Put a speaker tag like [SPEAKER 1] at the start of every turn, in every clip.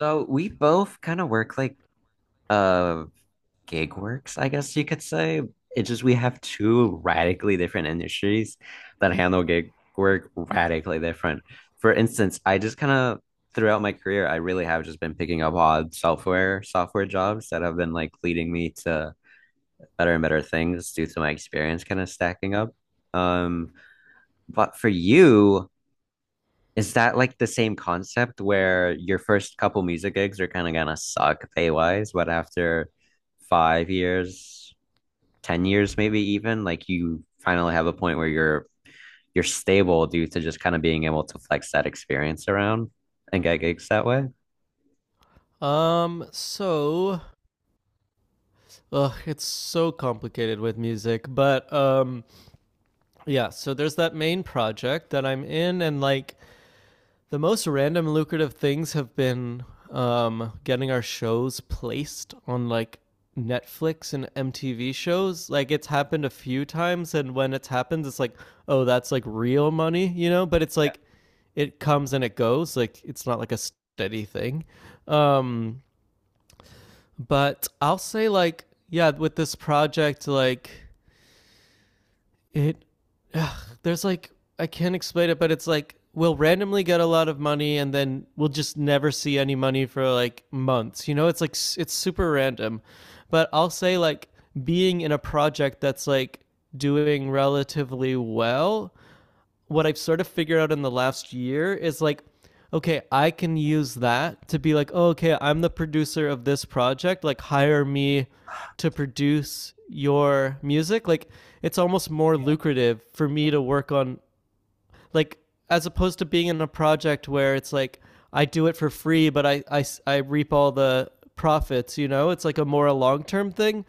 [SPEAKER 1] So we both kind of work like uh gig works, I guess you could say. It's just we have two radically different industries that handle gig work radically different. For instance, I just kind of throughout my career, I really have just been picking up odd software jobs that have been like leading me to better and better things due to my experience kind of stacking up. Um, but for you, is that like the same concept where your first couple music gigs are kind of gonna suck pay-wise, but after 5 years, 10 years maybe even, like you finally have a point where you're stable due to just kind of being able to flex that experience around and get gigs that way?
[SPEAKER 2] So it's so complicated with music, but yeah, so there's that main project that I'm in and like the most random lucrative things have been getting our shows placed on like Netflix and MTV shows. Like it's happened a few times, and when it's happened it's like, oh, that's like real money, you know, but it's like it comes and it goes, like it's not like a steady thing. Um But I'll say, like, yeah, with this project, like it there's like I can't explain it, but it's like we'll randomly get a lot of money and then we'll just never see any money for like months. You know, it's like it's super random. But I'll say, like, being in a project that's like doing relatively well, what I've sort of figured out in the last year is like, okay, I can use that to be like, oh, okay, I'm the producer of this project. Like, hire me to produce your music. Like, it's almost more lucrative for me to work on, like, as opposed to being in a project where it's like, I do it for free, but I reap all the profits, you know? It's like a more a long term thing.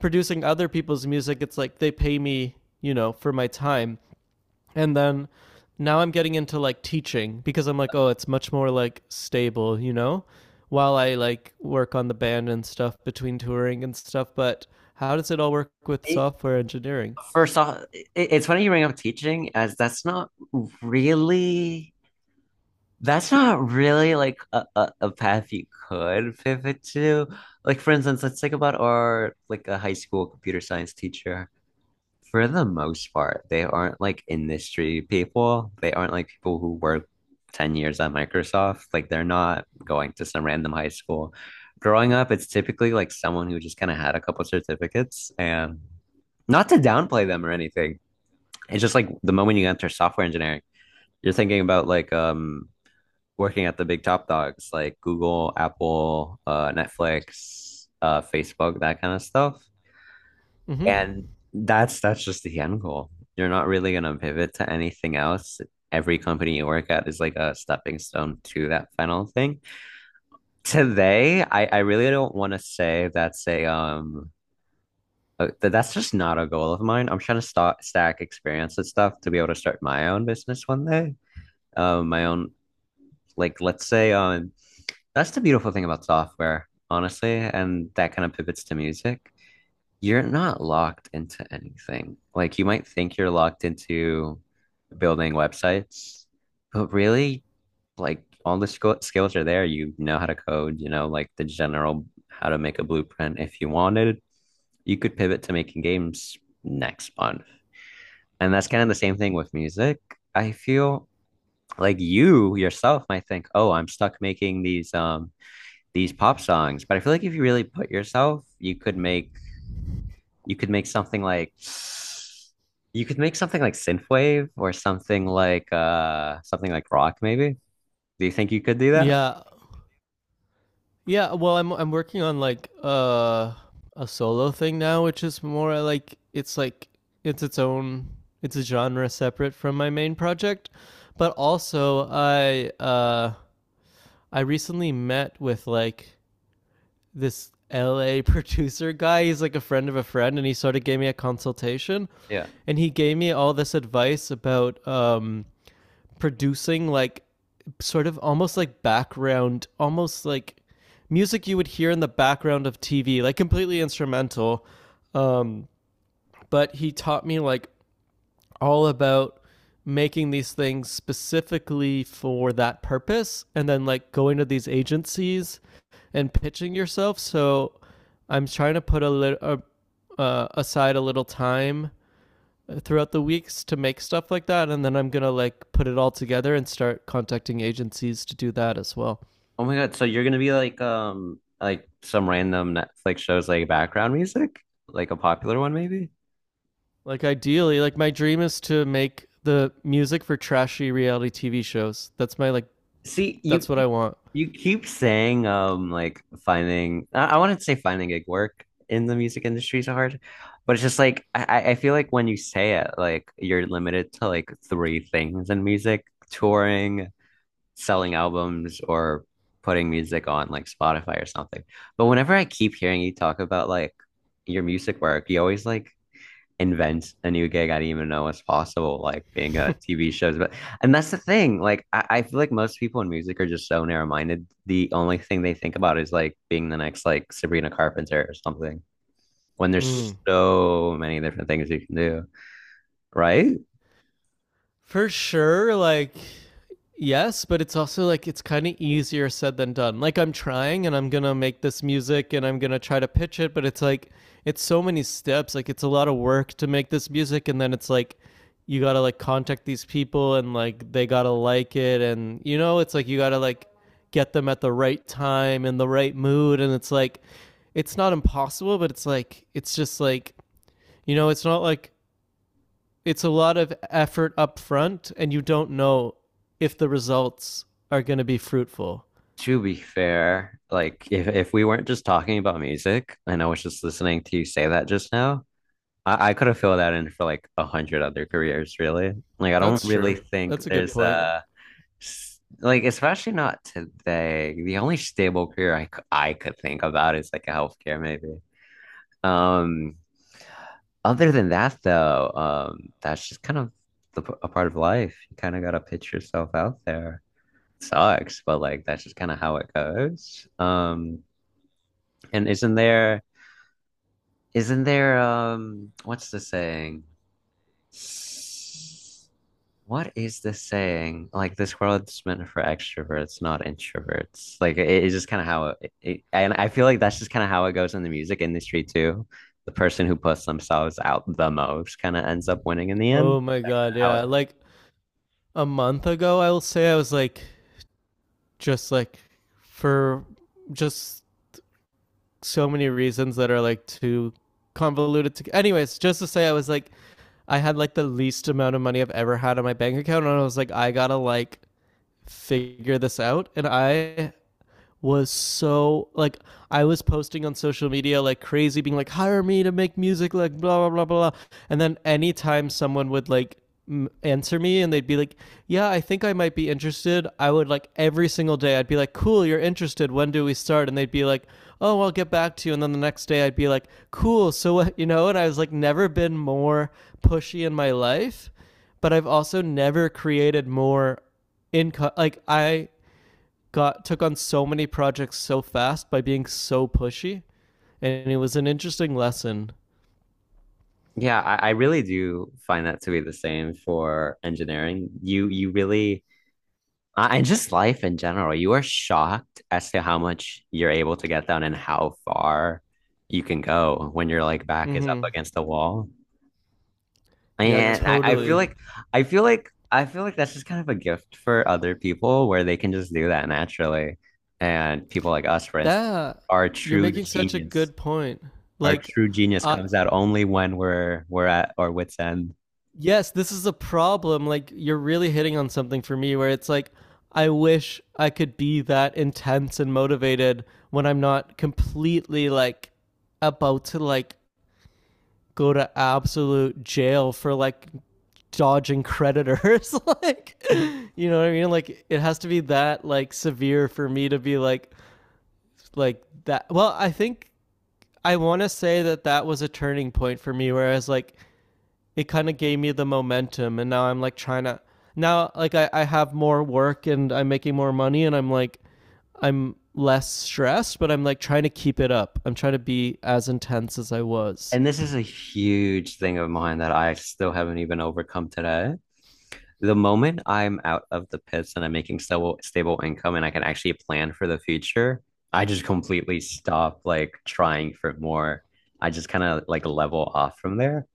[SPEAKER 2] Producing other people's music, it's like they pay me, you know, for my time, and then now I'm getting into like teaching because I'm like, oh, it's much more like stable, you know, while I like work on the band and stuff between touring and stuff. But how does it all work with
[SPEAKER 1] It,
[SPEAKER 2] software engineering?
[SPEAKER 1] First off, it's funny you bring up teaching, as really that's not really like a path you could pivot to. Like for instance, let's think about our like a high school computer science teacher. For the most part, they aren't like industry people. They aren't like people who work 10 years at Microsoft. Like they're not going to some random high school. Growing up, it's typically like someone who just kind of had a couple certificates, and not to downplay them or anything. It's just like the moment you enter software engineering, you're thinking about like working at the big top dogs like Google, Apple, Netflix, Facebook, that kind of stuff.
[SPEAKER 2] Hmm.
[SPEAKER 1] And that's just the end goal. You're not really gonna pivot to anything else. Every company you work at is like a stepping stone to that final thing. Today, I really don't want to say that's a that's just not a goal of mine. I'm trying to st stack experience and stuff to be able to start my own business one day. My own like let's say that's the beautiful thing about software, honestly, and that kind of pivots to music. You're not locked into anything. Like you might think you're locked into building websites, but really, like all the skills are there. You know how to code, you know, like the general how to make a blueprint. If you wanted, you could pivot to making games next month. And that's kind of the same thing with music. I feel like you yourself might think, "Oh, I'm stuck making these pop songs." But I feel like if you really put yourself, you could make something like you could make something like synthwave or something like rock maybe. Do you think you could do that?
[SPEAKER 2] Yeah, yeah. Well, I'm working on like a solo thing now, which is more like it's its own, it's a genre separate from my main project, but also I I recently met with like this LA producer guy. He's like a friend of a friend, and he sort of gave me a consultation,
[SPEAKER 1] Yeah.
[SPEAKER 2] and he gave me all this advice about producing like sort of almost like background, almost like music you would hear in the background of TV, like completely instrumental. Um, but he taught me like all about making these things specifically for that purpose and then like going to these agencies and pitching yourself. So I'm trying to put a little aside a little time throughout the weeks to make stuff like that, and then I'm going to like put it all together and start contacting agencies to do that as well.
[SPEAKER 1] Oh my God, so you're gonna be like some random Netflix shows like background music? Like a popular one maybe?
[SPEAKER 2] Like ideally, like my dream is to make the music for trashy reality TV shows. That's my like
[SPEAKER 1] See,
[SPEAKER 2] that's what I want.
[SPEAKER 1] you keep saying like finding I wouldn't say finding gig work in the music industry is so hard, but it's just like I feel like when you say it, like you're limited to like three things in music, touring, selling albums, or putting music on like Spotify or something. But whenever I keep hearing you talk about like your music work, you always like invent a new gig I didn't even know was possible, like being a TV shows. But And that's the thing. Like I feel like most people in music are just so narrow-minded. The only thing they think about is like being the next like Sabrina Carpenter or something. When there's
[SPEAKER 2] Mm.
[SPEAKER 1] so many different things you can do, right?
[SPEAKER 2] For sure, like yes, but it's also like it's kind of easier said than done. Like, I'm trying and I'm going to make this music and I'm going to try to pitch it, but it's like it's so many steps. Like it's a lot of work to make this music and then it's like you got to like contact these people and like they got to like it, and you know, it's like you got to like get them at the right time and the right mood, and it's like it's not impossible, but it's like it's just like you know, it's not like it's a lot of effort up front and you don't know if the results are going to be fruitful.
[SPEAKER 1] To be fair, like if we weren't just talking about music and I was just listening to you say that just now, I could have filled that in for like a hundred other careers, really. Like I don't
[SPEAKER 2] That's true.
[SPEAKER 1] really think
[SPEAKER 2] That's a good
[SPEAKER 1] there's
[SPEAKER 2] point.
[SPEAKER 1] like especially not today. The only stable career I could think about is like a healthcare maybe. Um, other than that though, that's just kind of a part of life. You kind of gotta pitch yourself out there. Sucks, but like that's just kind of how it goes. And isn't there what's the saying? What is the saying? Like this world's meant for extroverts, not introverts. Like it's just kind of how and I feel like that's just kind of how it goes in the music industry too. The person who puts themselves out the most kind of ends up winning in the end.
[SPEAKER 2] Oh my god,
[SPEAKER 1] How
[SPEAKER 2] yeah.
[SPEAKER 1] it,
[SPEAKER 2] Like a month ago I will say I was like just like for just so many reasons that are like too convoluted to anyways, just to say I was like I had like the least amount of money I've ever had on my bank account and I was like I got to like figure this out, and I was so like I was posting on social media like crazy, being like, hire me to make music, like blah blah blah blah. And then anytime someone would like answer me and they'd be like, yeah, I think I might be interested, I would like every single day I'd be like, cool, you're interested. When do we start? And they'd be like, oh, I'll get back to you. And then the next day I'd be like, cool. So what, you know? And I was like, never been more pushy in my life, but I've also never created more income. Like I got took on so many projects so fast by being so pushy, and it was an interesting lesson.
[SPEAKER 1] yeah, I really do find that to be the same for engineering. You really and just life in general, you are shocked as to how much you're able to get done and how far you can go when your like back is up
[SPEAKER 2] Mm-hmm.
[SPEAKER 1] against the wall. Yeah.
[SPEAKER 2] Yeah,
[SPEAKER 1] And I feel totally.
[SPEAKER 2] totally.
[SPEAKER 1] Like I feel like that's just kind of a gift for other people where they can just do that naturally. And people like us, for instance,
[SPEAKER 2] That
[SPEAKER 1] our
[SPEAKER 2] you're
[SPEAKER 1] true
[SPEAKER 2] making such a
[SPEAKER 1] genius,
[SPEAKER 2] good point.
[SPEAKER 1] our
[SPEAKER 2] Like,
[SPEAKER 1] true genius
[SPEAKER 2] uh,
[SPEAKER 1] comes out only when we're at our wits' end.
[SPEAKER 2] yes, this is a problem. Like, you're really hitting on something for me where it's like, I wish I could be that intense and motivated when I'm not completely like about to like go to absolute jail for like dodging creditors like you know what I mean, like it has to be that like severe for me to be like that. Well I think I want to say that that was a turning point for me, whereas like it kind of gave me the momentum, and now I'm like trying to now like I have more work and I'm making more money and I'm like I'm less stressed, but I'm like trying to keep it up, I'm trying to be as intense as I was.
[SPEAKER 1] And this is a huge thing of mine that I still haven't even overcome today. The moment I'm out of the pits and I'm making stable income and I can actually plan for the future, I just completely stop like trying for more. I just kind of like level off from there.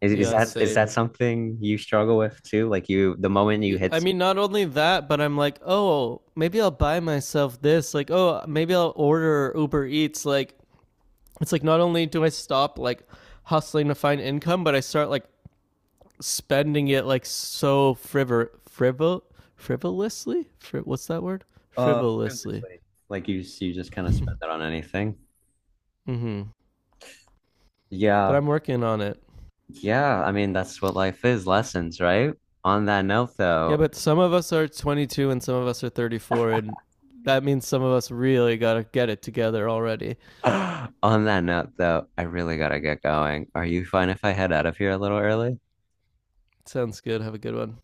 [SPEAKER 2] Yeah,
[SPEAKER 1] Is that
[SPEAKER 2] same.
[SPEAKER 1] something you struggle with too? Like the moment you hit,
[SPEAKER 2] I mean, not only that, but I'm like, oh, maybe I'll buy myself this. Like, oh, maybe I'll order Uber Eats. Like, it's like not only do I stop like hustling to find income, but I start like spending it like so frivolously. What's that word? Frivolously.
[SPEAKER 1] previously, like you just kind of spend that on anything.
[SPEAKER 2] Mm-hmm. But
[SPEAKER 1] Yeah,
[SPEAKER 2] I'm working on it.
[SPEAKER 1] yeah. I mean, that's what life is, lessons, right? On that note,
[SPEAKER 2] Yeah,
[SPEAKER 1] though,
[SPEAKER 2] but some of us are 22 and some of us are 34, and that means some of us really gotta get it together already.
[SPEAKER 1] On that note, though, I really gotta get going. Are you fine if I head out of here a little early?
[SPEAKER 2] Sounds good. Have a good one.